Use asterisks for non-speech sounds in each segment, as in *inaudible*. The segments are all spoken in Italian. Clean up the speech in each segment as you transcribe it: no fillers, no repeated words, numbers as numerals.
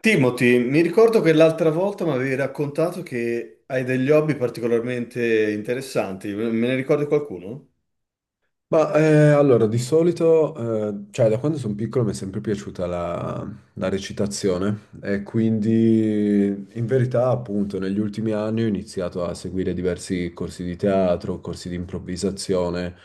Timothy, mi ricordo che l'altra volta mi avevi raccontato che hai degli hobby particolarmente interessanti. Me ne ricordi qualcuno? Allora, di solito, cioè da quando sono piccolo mi è sempre piaciuta la recitazione e quindi in verità appunto negli ultimi anni ho iniziato a seguire diversi corsi di teatro, corsi di improvvisazione,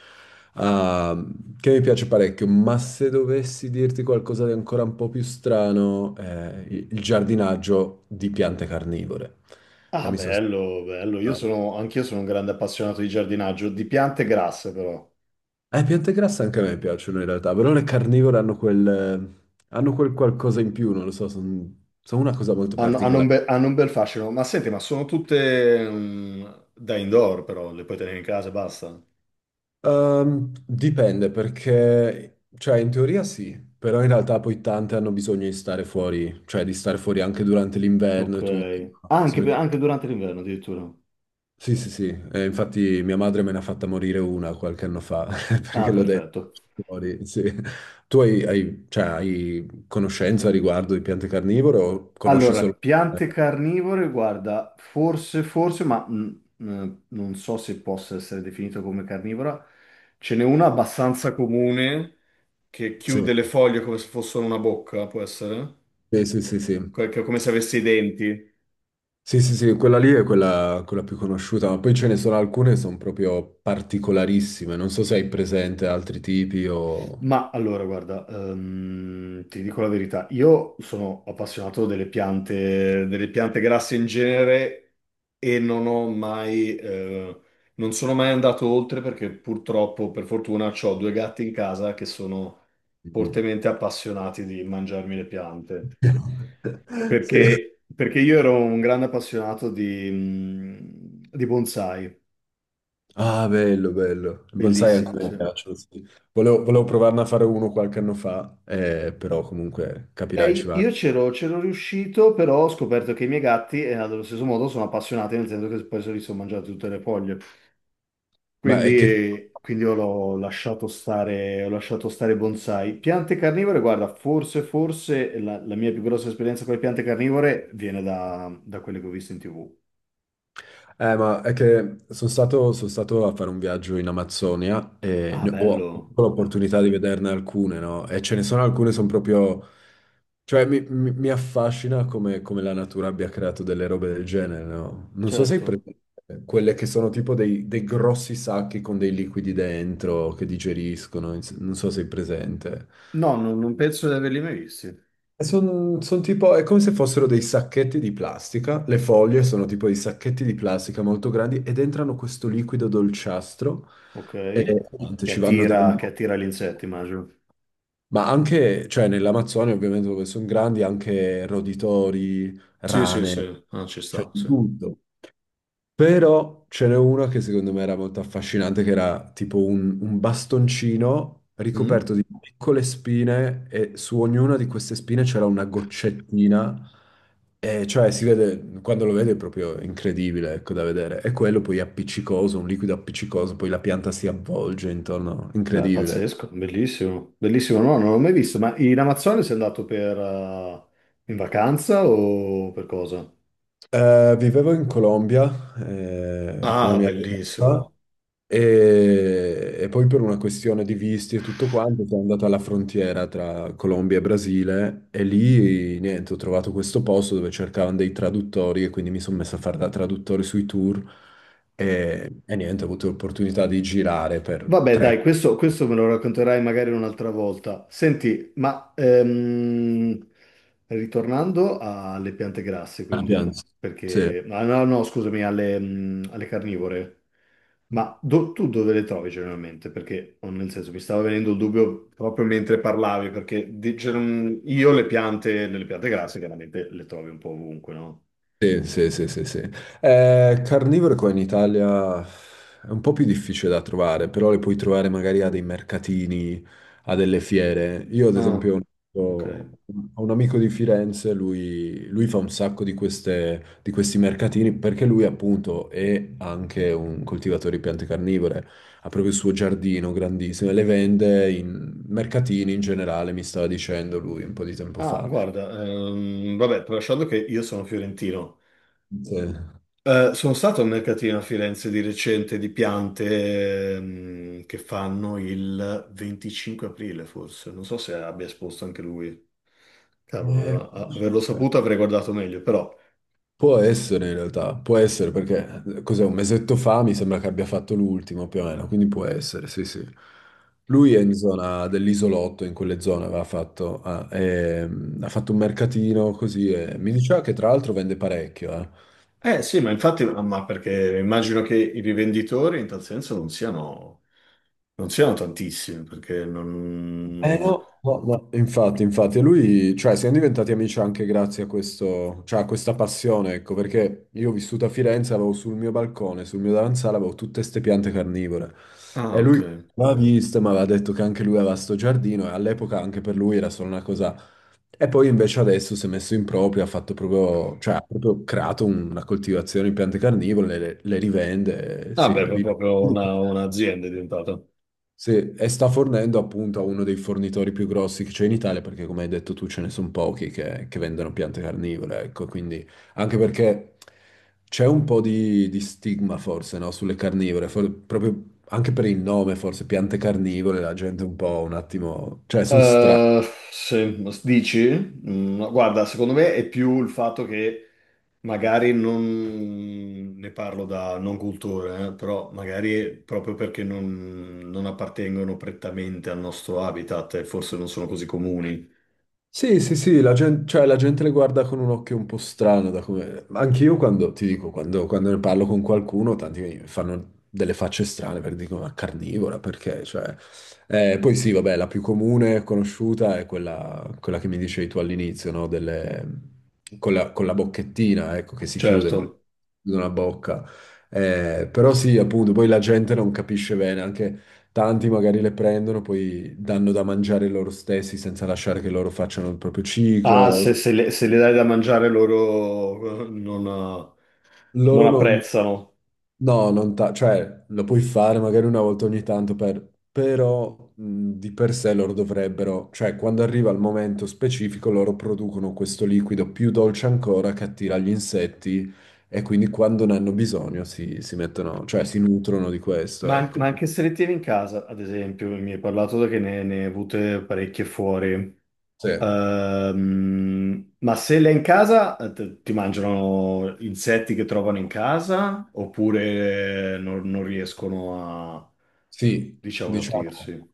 ah, che mi piace parecchio, ma se dovessi dirti qualcosa di ancora un po' più strano, il giardinaggio di piante carnivore. E Ah, mi sono bello, bello. Io sono, anch'io sono un grande appassionato di giardinaggio, di piante grasse però. Piante grasse anche a me piacciono in realtà, però le carnivore hanno quel qualcosa in più, non lo so, sono una cosa molto Hanno un particolare. Hanno un bel fascino. Ma senti, ma sono tutte da indoor però, le puoi tenere in casa e basta. Dipende perché, cioè in teoria sì, però in realtà poi tante hanno bisogno di stare fuori, cioè di stare fuori anche durante l'inverno Ok. e tutto. Ah, anche durante l'inverno addirittura. Sì, sì, sì, infatti mia madre me ne ha fatta morire una qualche anno fa, *laughs* Ah, perché l'ho detto perfetto. fuori, sì. Tu cioè, hai conoscenza riguardo di piante carnivore o conosci Allora, solo... eh, piante carnivore, guarda, forse, forse, ma non so se possa essere definito come carnivora, ce n'è una abbastanza comune che sì, chiude le foglie come se fossero una bocca, può essere? sì, sì, sì, sì. Come se avesse i denti. Sì, sì, sì, quella lì è quella più conosciuta, ma poi ce ne sono alcune che sono proprio particolarissime. Non so se hai presente altri tipi o... Ma allora, guarda, ti dico la verità, io sono appassionato delle piante grasse in genere e non ho mai, non sono mai andato oltre perché purtroppo, per fortuna, ho due gatti in casa che sono Mm. fortemente appassionati di mangiarmi le piante. *laughs* Sì. Perché io ero un grande appassionato di, di bonsai, Ah, bello, bello. Il bonsai anche bellissimi, a me sì. piacciono, sì. Volevo provarne a fare uno qualche anno fa, però comunque capirai, ci va. Io c'ero riuscito, però ho scoperto che i miei gatti, allo stesso modo, sono appassionati, nel senso che poi se li sono mangiati tutte le foglie. Ma è che... Quindi io l'ho lasciato stare, ho lasciato stare i bonsai. Piante carnivore, guarda, forse, forse la mia più grossa esperienza con le piante carnivore viene da quelle che ho visto in TV. Sono stato a fare un viaggio in Amazzonia e Ah, ho bello, avuto bello. l'opportunità di vederne alcune, no? E ce ne sono alcune, sono proprio... Cioè, mi affascina come, come la natura abbia creato delle robe del genere, no? Non so se hai Certo. presente quelle che sono tipo dei grossi sacchi con dei liquidi dentro che digeriscono, non so se hai presente. No, non penso di averli mai visti. Sono tipo, è come se fossero dei sacchetti di plastica, le foglie sono tipo dei sacchetti di plastica molto grandi ed entrano questo liquido dolciastro Ok. e niente, Che ci vanno attira, che dentro. attira gli insetti, immagino. Ma anche, cioè nell'Amazzonia ovviamente dove sono grandi, anche roditori, Sì, sì, rane, sì, ah, ci cioè sta, di sì. tutto. Però ce n'è una che secondo me era molto affascinante, che era tipo un bastoncino Mm? ricoperto di piccole spine e su ognuna di queste spine c'era una goccettina. E cioè si vede, quando lo vede è proprio incredibile, ecco, da vedere. E quello poi appiccicoso, un liquido appiccicoso, poi la pianta si avvolge intorno, Beh, incredibile. pazzesco, bellissimo, bellissimo. No, non l'ho mai visto, ma in Amazzonia sei andato per, in vacanza o per cosa? Vivevo in Colombia, con la Ah, mia ragazza. bellissimo. E poi per una questione di visti e tutto quanto sono andato alla frontiera tra Colombia e Brasile e lì niente, ho trovato questo posto dove cercavano dei traduttori e quindi mi sono messo a fare da traduttore sui tour e niente, ho avuto l'opportunità di girare per Vabbè, tre. dai, questo me lo racconterai magari un'altra volta. Senti, ma ritornando alle piante grasse, Ah, piano. quindi, Sì. perché... ah, no, no, scusami, alle carnivore. Ma tu dove le trovi generalmente? Perché, oh, nel senso, mi stava venendo il dubbio proprio mentre parlavi, perché io le piante grasse chiaramente le trovi un po' ovunque, no? Sì, sì, sì, sì, sì. Carnivore qua in Italia è un po' più difficile da trovare, però le puoi trovare magari a dei mercatini, a delle fiere. Io ad Ah, esempio ho ok. Un amico di Firenze, lui fa un sacco di di questi mercatini perché lui appunto è anche un coltivatore di piante carnivore, ha proprio il suo giardino grandissimo e le vende in mercatini in generale, mi stava dicendo lui un po' di tempo Ah, fa. guarda, vabbè, tralasciando che io sono fiorentino. Sì. Sono stato al mercatino a Firenze di recente di piante che fanno il 25 aprile, forse. Non so se abbia esposto anche lui. Eh, Cavolo, averlo saputo avrei guardato meglio, però. può essere in realtà, può essere perché cos'è un mesetto fa mi sembra che abbia fatto l'ultimo più o meno, quindi può essere, sì sì. Lui è in zona dell'isolotto, in quelle zone aveva fatto, ah, ha fatto un mercatino così e mi diceva che tra l'altro vende parecchio, eh. Eh sì, ma infatti, ma perché immagino che i rivenditori in tal senso non siano, non siano tantissimi, perché Eh non... no, no, no, infatti, infatti, e lui, cioè, siamo diventati amici anche grazie a questo, cioè, a questa passione, ecco, perché io ho vissuto a Firenze, avevo sul mio balcone, sul mio davanzale, avevo tutte ste piante carnivore, e Ah, lui ok. l'ha vista, ma aveva detto che anche lui aveva sto giardino, e all'epoca anche per lui era solo una cosa, e poi invece adesso si è messo in proprio, ha fatto proprio, cioè, ha proprio creato una coltivazione di piante carnivore, le rivende, sì, Vabbè, è vi- proprio un'azienda è diventata. sì, e sta fornendo appunto a uno dei fornitori più grossi che c'è in Italia, perché come hai detto tu ce ne sono pochi che vendono piante carnivore, ecco, quindi anche perché c'è un po' di stigma forse, no, sulle carnivore, proprio anche per il nome forse, piante carnivore, la gente un po' un attimo, cioè sono. Eh, se dici, Mm, no, guarda, secondo me è più il fatto che magari non ne parlo da non cultore, però magari è proprio perché non, non appartengono prettamente al nostro habitat e forse non sono così comuni. Sì, sì, sì, la gente, cioè, la gente le guarda con un occhio un po' strano, da come... Anche io quando, ti dico, quando ne parlo con qualcuno, tanti mi fanno delle facce strane per dico, ma carnivora, perché? Cioè, poi sì, vabbè, la più comune, conosciuta, è quella, quella che mi dicevi tu all'inizio, no? Con la bocchettina, ecco, che si chiude con Certo. la bocca. Però sì, appunto, poi la gente non capisce bene, anche... Tanti magari le prendono, poi danno da mangiare loro stessi senza lasciare che loro facciano il proprio Ah, ciclo. Se le dai da mangiare loro non, non Loro non, apprezzano. no, non ta- cioè lo puoi fare magari una volta ogni tanto, però di per sé loro dovrebbero, cioè quando arriva il momento specifico loro producono questo liquido più dolce ancora che attira gli insetti e quindi quando ne hanno bisogno si mettono, cioè si nutrono di questo, Ma, ecco. ma anche se le tieni in casa, ad esempio, mi hai parlato che ne hai avute parecchie fuori. Sì, Ma se l'è in casa, ti mangiano insetti che trovano in casa oppure non, non riescono a, sì, diciamo, diciamo. nutrirsi?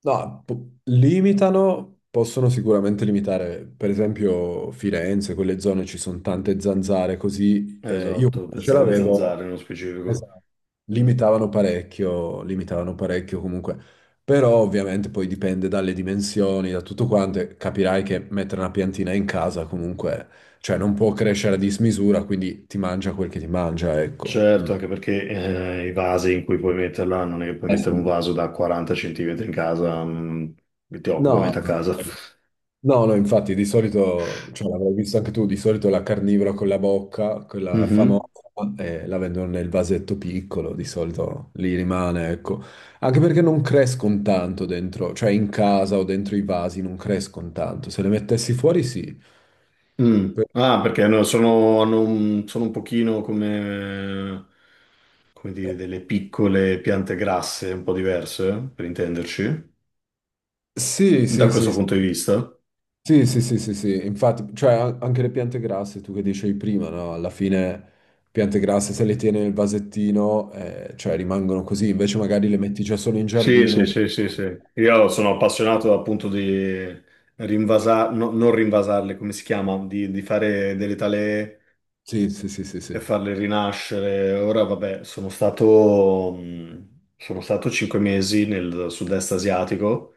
No, limitano, possono sicuramente limitare, per esempio Firenze, quelle zone ci sono tante zanzare, così io Esatto, quando ce pensavo alle zanzare l'avevo, nello specifico. esatto, limitavano parecchio comunque, però ovviamente poi dipende dalle dimensioni, da tutto quanto, e capirai che mettere una piantina in casa comunque, cioè non può crescere a dismisura, quindi ti mangia quel che ti mangia, ecco. Mm. Certo, anche perché i vasi in cui puoi metterla, non è che puoi Eh mettere un sì. vaso da 40 centimetri in casa, che ti occupa No. metà casa. No, no, infatti di solito, cioè l'avrai visto anche tu, di solito la carnivora con la bocca, *laughs* quella famosa, Mhm. La vendono nel vasetto piccolo, di solito lì rimane, ecco. Anche perché non crescono tanto dentro, cioè in casa o dentro i vasi non crescono tanto. Se le mettessi fuori sì. Mm. Ah, perché hanno un, sono un pochino come, come dire, Eh, delle piccole piante grasse, un po' diverse, per intenderci, sì, da sì, sì, questo sì. punto di vista. Sì, sì, sì, sì, sì, infatti, cioè anche le piante grasse, tu che dicevi prima, no? Alla fine piante grasse se le tieni nel vasettino, cioè rimangono così, invece magari le metti già solo in Sì, sì, giardino. sì, sì, sì. Io sono appassionato appunto di rinvasare, non rinvasarle, come si chiama, di fare delle talee Sì, sì, sì, sì, e sì. farle rinascere. Ora, vabbè, sono stato 5 mesi nel sud-est asiatico.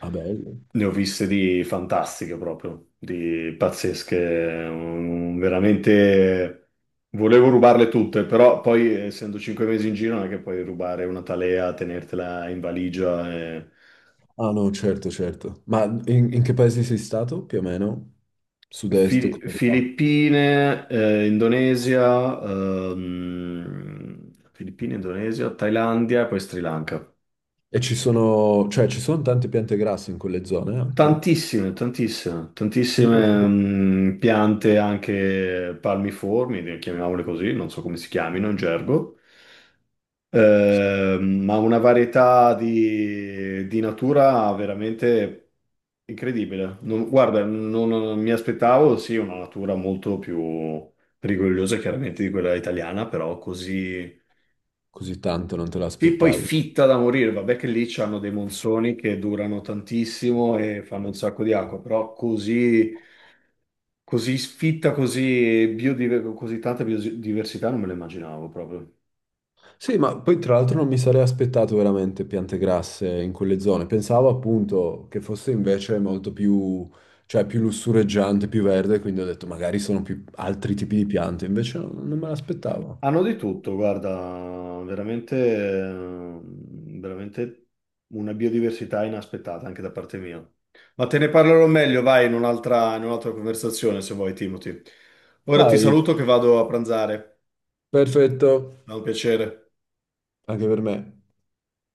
Ah, bello. Ne ho viste di fantastiche proprio, di pazzesche, veramente volevo rubarle tutte, però poi essendo 5 mesi in giro non è che puoi rubare una talea, tenertela in valigia. Ah, no, certo, certo. Ma in che paese sei stato, più o meno? Sud-est, come va? Filippine, Indonesia, Filippine, Indonesia, Thailandia e poi Sri Lanka. E ci sono, cioè ci sono tante piante grasse in quelle zone anche? Tantissime, tantissime, Non me lo tantissime sapevo. Piante anche palmiformi, chiamiamole così, non so come si chiamino in gergo. Ma una varietà di natura veramente incredibile. Guarda, non, non mi aspettavo, sì, una natura molto più rigogliosa chiaramente di quella italiana, però così... Così tanto non te Sì, poi l'aspettavi. fitta da morire, vabbè che lì c'hanno dei monsoni che durano tantissimo e fanno un sacco di acqua, però così... Così sfitta, così tanta biodiversità non me lo immaginavo proprio. Sì, ma poi tra l'altro non mi sarei aspettato veramente piante grasse in quelle zone. Pensavo appunto che fosse invece molto più, cioè più lussureggiante, più verde, quindi ho detto magari sono più altri tipi di piante, invece no, non me l'aspettavo. Hanno di tutto, guarda, veramente, veramente una biodiversità inaspettata anche da parte mia. Ma te ne parlerò meglio, vai, in un'altra conversazione se vuoi, Timothy. Ora ti Vai, saluto che vado a pranzare. perfetto, È un piacere. anche per me.